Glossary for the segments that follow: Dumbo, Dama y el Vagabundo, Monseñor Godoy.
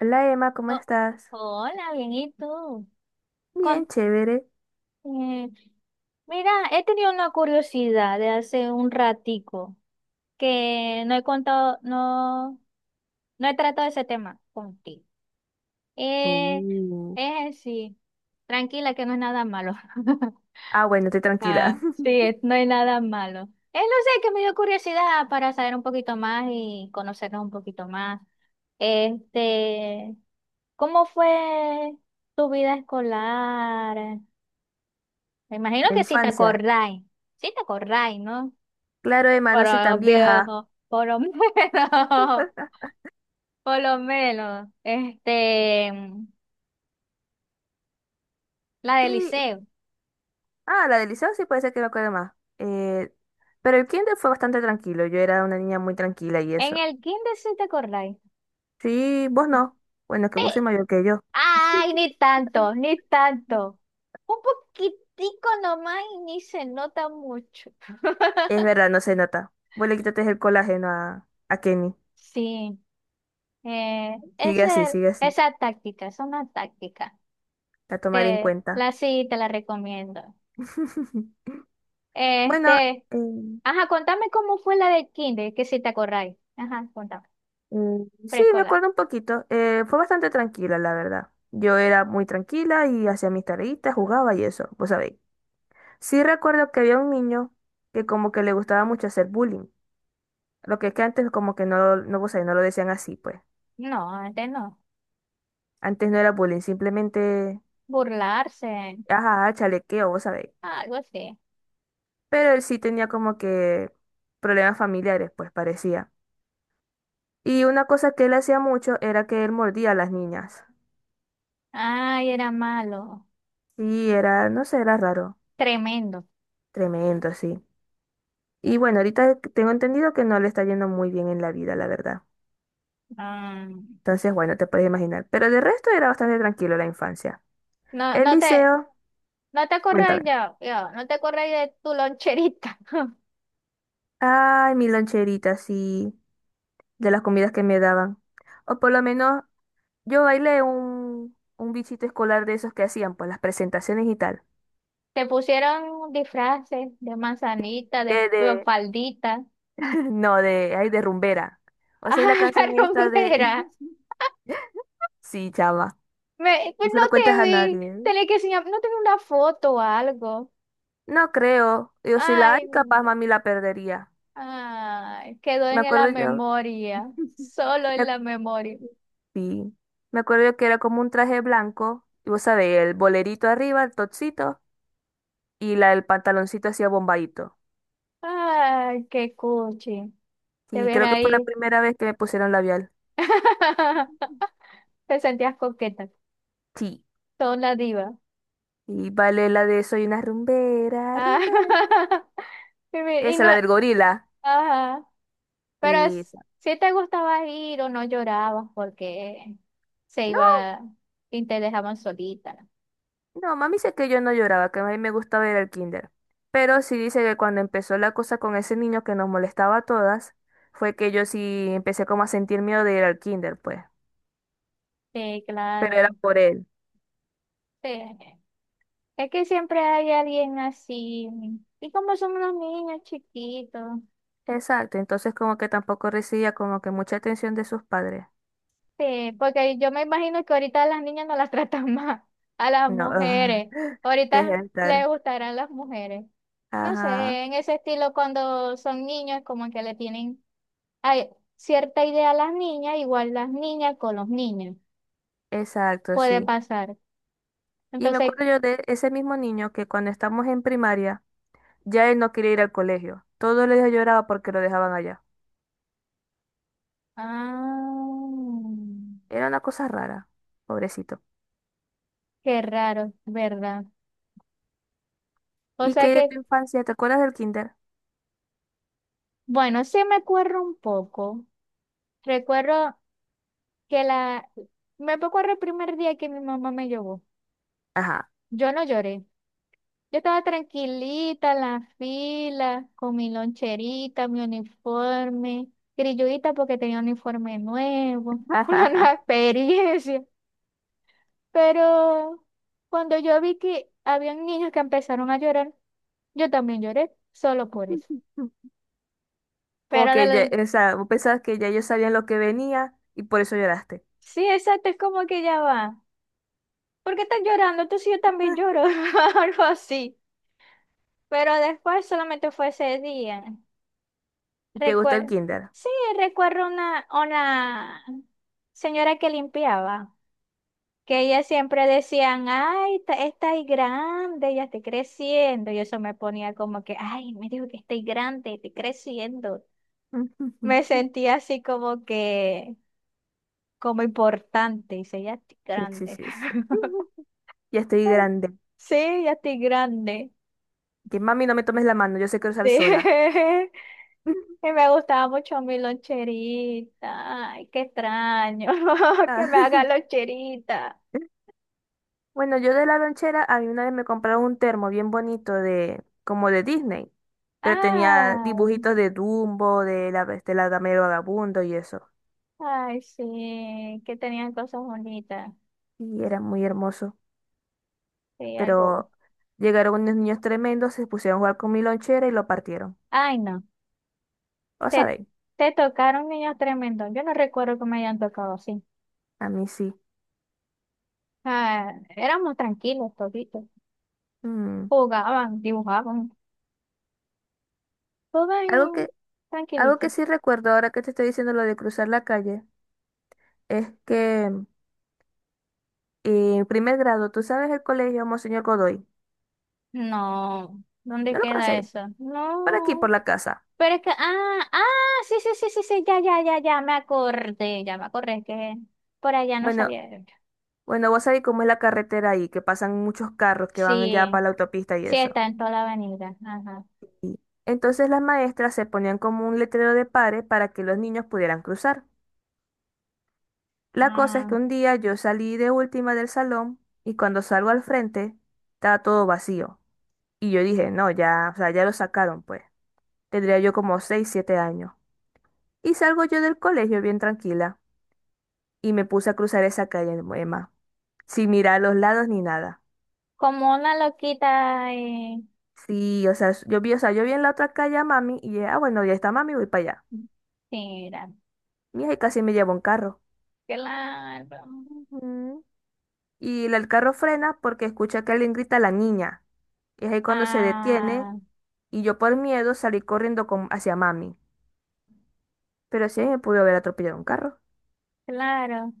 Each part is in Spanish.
Hola Emma, ¿cómo Oh, estás? hola, bien, ¿y tú? Bien, Con- chévere. eh, mira, he tenido una curiosidad de hace un ratico que no he contado, no, no he tratado ese tema contigo. Eh, Uh, es sí tranquila que no es nada malo. Ah, bueno, estoy tranquila. Ah, sí, no hay nada malo. No sé, que me dio curiosidad para saber un poquito más y conocernos un poquito más. Este, ¿Cómo fue tu vida escolar? Me imagino La que si te infancia. acordáis, si te acordáis, ¿no? Claro, Emma, Por no soy lo tan vieja. viejo, por lo menos, por lo menos, la del Sí, liceo. ah, la del liceo sí puede ser que me acuerde más. Eh, pero el kinder fue bastante tranquilo. Yo era una niña muy tranquila y En eso. el kinder si te acordáis. Sí, vos no. Bueno, que vos sois mayor que yo. Ay, ni tanto, ni tanto. Un poquitico nomás y ni se nota mucho. Es verdad, no se nota. Vos le quitaste el colágeno a Kenny. Sí, eh, Sigue así, esa, sigue así. esa táctica, es una táctica. La tomaré en Te, cuenta. la sí, te la recomiendo. Bueno, Este, eh, ajá, contame cómo fue la de kinder, que si te acordáis. Ajá, contame. Mm, sí, me Preescolar. acuerdo un poquito. Fue bastante tranquila, la verdad. Yo era muy tranquila y hacía mis tareitas, jugaba y eso, vos sabéis. Sí recuerdo que había un niño que como que le gustaba mucho hacer bullying. Lo que es que antes como que no, no, vos sabéis, no lo decían así, pues. No, antes no. Antes no era bullying, simplemente, Burlarse, ajá, chalequeo, vos sabéis. algo así. Pero él sí tenía como que problemas familiares, pues parecía. Y una cosa que él hacía mucho era que él mordía a las niñas. Ay, era malo. Sí, era, no sé, era raro. Tremendo. Tremendo, sí. Y bueno, ahorita tengo entendido que no le está yendo muy bien en la vida, la verdad. Ah, Entonces, bueno, te puedes imaginar. Pero de resto era bastante tranquilo la infancia. no, El no te, liceo, no te cuéntame. acordáis ya, ya, no te acordáis de tu loncherita. Ay, mi loncherita, sí, de las comidas que me daban. O por lo menos yo bailé un bichito escolar de esos que hacían, pues las presentaciones y tal. Te pusieron disfraces de manzanita, de Que de, faldita. no, de, ay, de rumbera. Ah, O sea, y la canción la esta de romera. sí, chama. No se No lo te cuentes a vi. nadie, ¿eh? Tenés que enseñar, no te vi una foto o algo. No creo. Yo soy la Ay, ay, capaz mami la perdería. ay, quedó Me en la acuerdo yo, memoria, solo en me, la memoria. sí, me acuerdo yo que era como un traje blanco, y vos sabés, el bolerito arriba, el topsito, y la, el pantaloncito hacía bombadito. Ay, qué cuchi. Te Y ves creo que fue la ahí. primera vez que me pusieron labial. Te sentías coqueta, Sí. son la diva. Y vale la de soy una rumbera, Ah, rumbera. Y Esa, no, la del gorila. ajá. Pero Y esa. si te gustaba ir o no llorabas porque se No, iba y te dejaban solita. no, mami dice que yo no lloraba, que a mí me gustaba ir al kinder. Pero sí dice que cuando empezó la cosa con ese niño que nos molestaba a todas, fue que yo sí empecé como a sentir miedo de ir al kinder, pues. Sí, Pero era claro. por él. Sí. Es que siempre hay alguien así. Y como son unos niños chiquitos. Exacto, entonces como que tampoco recibía como que mucha atención de sus padres. Sí, porque yo me imagino que ahorita a las niñas no las tratan más, a las No, mujeres. deja Ahorita de les estar. gustarán las mujeres. No sé, Ajá, en ese estilo cuando son niños como que le tienen ay, cierta idea a las niñas, igual las niñas con los niños. exacto, Puede sí. pasar. Y me Entonces, acuerdo yo de ese mismo niño que cuando estamos en primaria, ya él no quería ir al colegio. Todos los días lloraba porque lo dejaban allá. ah, Era una cosa rara, pobrecito. qué raro, ¿verdad? O ¿Y sea qué de que, tu infancia? ¿Te acuerdas del kinder? bueno, sí me acuerdo un poco. Recuerdo que la... Me recuerdo el primer día que mi mamá me llevó. Ajá. Yo no lloré. Yo estaba tranquilita en la fila, con mi loncherita, mi uniforme, grilludita porque tenía un uniforme nuevo, una nueva experiencia. Pero cuando yo vi que habían niños que empezaron a llorar, yo también lloré, solo por eso. Como Pero de que ya, lo- o sea, vos pensabas que ya ellos sabían lo que venía y por eso lloraste. Sí, exacto, es como que ya va. ¿Por qué estás llorando? Tú, entonces yo también lloro, algo así. Pero después solamente fue ese día. ¿Y te gusta el Recuerdo, kinder? sí, recuerdo una señora que limpiaba, que ella siempre decían, ay, esta grande, ya estoy creciendo. Y eso me ponía como que, ay, me dijo que estoy grande, estoy creciendo. Me sentía así como que, como importante. Y dice, ya estoy Sí, sí, grande. sí. Sí. Ya estoy grande. Sí, ya estoy grande. Que mami, no me tomes la mano, yo sé cruzar Sí. sola. Que me gustaba mucho mi loncherita. Ay, qué extraño. Ah, Que me haga loncherita. bueno, yo de la lonchera, a mí una vez me compraron un termo bien bonito de, como de Disney, pero tenía Ay, dibujitos de Dumbo, de la Dama y el Vagabundo y eso. ay, sí. Que tenían cosas bonitas. Y era muy hermoso. Sí, algo. Pero llegaron unos niños tremendos, se pusieron a jugar con mi lonchera y lo partieron. Ay, no. ¿O Te, sabéis? te tocaron niños tremendos. Yo no recuerdo que me hayan tocado así. A mí sí. Ah, éramos tranquilos toditos. Mm. Jugaban, dibujaban. Todo Algo que, en- algo que tranquilito. sí recuerdo ahora que te estoy diciendo lo de cruzar la calle. Es que primer grado, tú sabes el colegio Monseñor Godoy. No. ¿Dónde ¿No lo queda conocéis? eso? Por aquí, por No. la casa. Pero es que, ah, ah, sí, sí, sí, sí, sí, ya, ya, ya, ya me acordé, es que por allá no Bueno, salía. bueno, vos sabés cómo es la carretera ahí, que pasan muchos carros que van ya para Sí, la autopista y sí, eso. está en toda la avenida. Ajá. Y entonces las maestras se ponían como un letrero de pare para que los niños pudieran cruzar. La cosa es que Mm, un día yo salí de última del salón y cuando salgo al frente estaba todo vacío. Y yo dije, no, ya, o sea, ya lo sacaron pues. Tendría yo como 6 7 años. Y salgo yo del colegio bien tranquila, y me puse a cruzar esa calle, Emma, sin mirar a los lados ni nada. como una loquita. Sí, o sea, yo vi, o sea, yo vi en la otra calle a mami y dije, ah, bueno, ya está mami, voy para allá. Mira, Mija, y casi me llevó un carro. claro. Ujú. Y el carro frena porque escucha que alguien grita a la niña. Y es ahí cuando se detiene Ah, y yo por miedo salí corriendo con- hacia mami. Pero sí me pudo haber atropellado un carro. claro.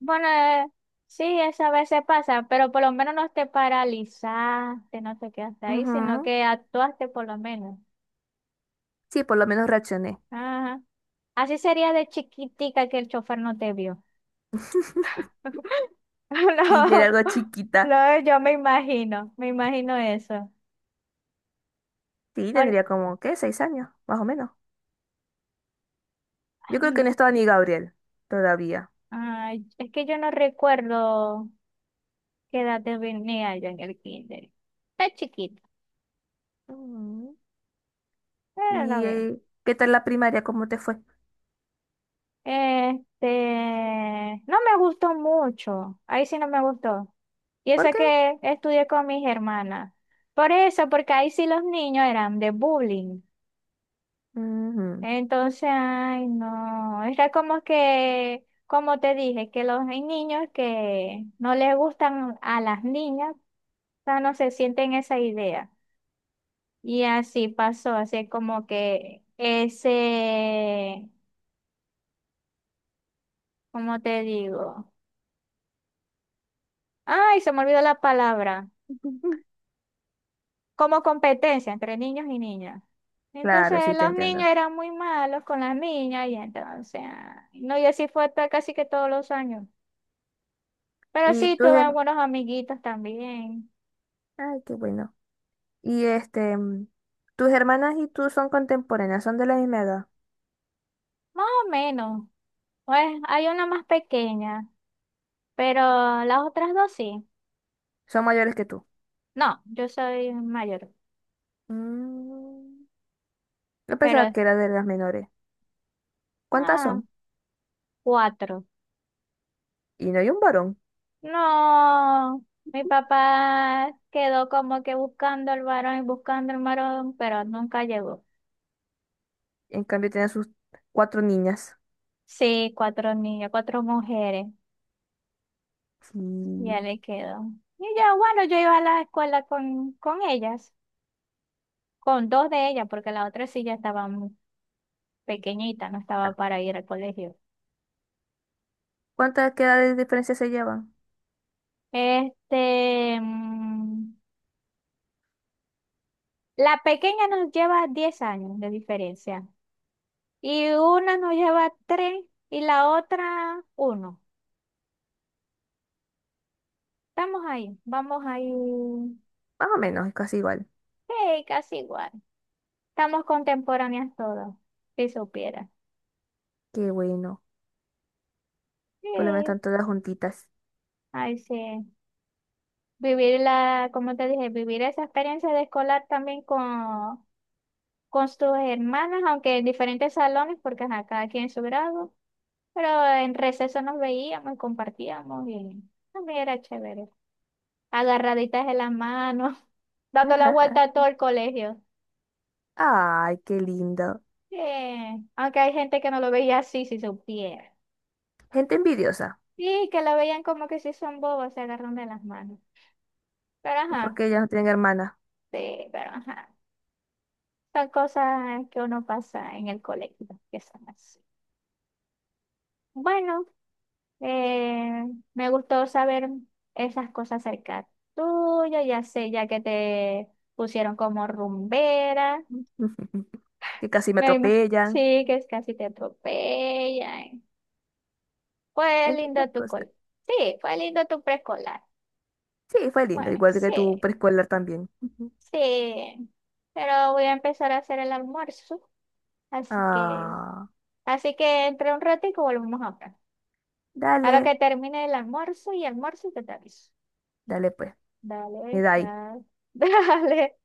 Bueno, sí, eso a veces pasa, pero por lo menos no te paralizaste, no te quedaste ahí, sino Ujú. que actuaste por lo menos. Sí, por lo menos reaccioné. Ajá. Así sería de chiquitica que el chofer no te vio. Sí, yo era No, algo chiquita. no, yo me imagino eso. Sí, Ahora- tendría como, ¿qué? 6 años, más o menos. Yo creo ay, que no estaba ni Gabriel todavía. ay, es que yo no recuerdo qué edad tenía yo en el kinder. Está chiquita, Ujú. pero la ¿Y ve. Qué tal la primaria? ¿Cómo te fue? No me gustó mucho, ahí sí no me gustó. Y ¿Por eso qué? que estudié con mis hermanas. Por eso, porque ahí sí los niños eran de bullying. Ujú. Entonces, ay, no, era como que, como te dije, que los hay niños que no les gustan a las niñas, o sea, no se sienten esa idea. Y así pasó, así como que ese, ¿cómo te digo? Ay, se me olvidó la palabra, como competencia entre niños y niñas. Claro, sí, Entonces te los entiendo. niños eran muy malos con las niñas y entonces, ay, no, y así fue hasta casi que todos los años. Pero ¿Y sí, tus tuve hermanas? buenos amiguitos también. Ay, qué bueno. ¿Y este, tus hermanas y tú son contemporáneas? ¿Son de la misma edad? Más o menos. Pues hay una más pequeña, pero las otras dos sí. ¿Son mayores que tú? No, yo soy mayor, Mm, Yo pensaba pero que era de las menores. ¿Cuántas ah, son? cuatro. Y no hay un varón. No, mi papá quedó como que buscando el varón y buscando el varón, pero nunca llegó. En cambio, tienen sus cuatro niñas. Sí, cuatro niños, cuatro mujeres, ya Sí. le quedó. Y yo, bueno, yo iba a la escuela con, ellas, con dos de ellas, porque la otra sí ya estaba pequeñita, no estaba Ah, para ir al colegio. ¿Cuántas qué edades de diferencia se llevan? Este, mm, la pequeña nos lleva 10 años de diferencia y una nos lleva 3 y la otra 1. Estamos ahí, vamos ahí, Mm, Más o menos, es casi igual. sí, casi igual. Estamos contemporáneas todas, si supiera. Qué bueno. Sí, Por lo menos están todas juntitas. ay sí. Vivir la, como te dije, vivir esa experiencia de escolar también con sus hermanas, aunque en diferentes salones, porque ajá, cada quien en su grado. Pero en receso nos veíamos y compartíamos y también era chévere. Agarraditas de la mano, dando la vuelta a todo el colegio. Ay, qué lindo. Sí, aunque hay gente que no lo veía así si supiera. Gente envidiosa. Sí, que lo veían como que si son bobos, se agarran de las manos. Pero Es ajá, porque ellas no tienen hermanas. sí, pero ajá. Son cosas que uno pasa en el colegio, que son así. Bueno. Eh, me gustó saber esas cosas acerca tuya, ya sé, ya que te pusieron como rumbera. Que casi me Me imag- atropellan. sí, que es casi te atropellan. Fue Entre lindo otras tu cosas. col. Sí, fue lindo tu preescolar. Sí, fue lindo. Bueno, Igual que sí, tu preescolar también. sí. Pero voy a empezar a hacer el almuerzo. Así que, Ah, así que entre un ratito volvemos a hablar. A lo dale, que termine el almuerzo y almuerzo que te aviso. dale pues. Me Dale, da ahí. chao. Dale.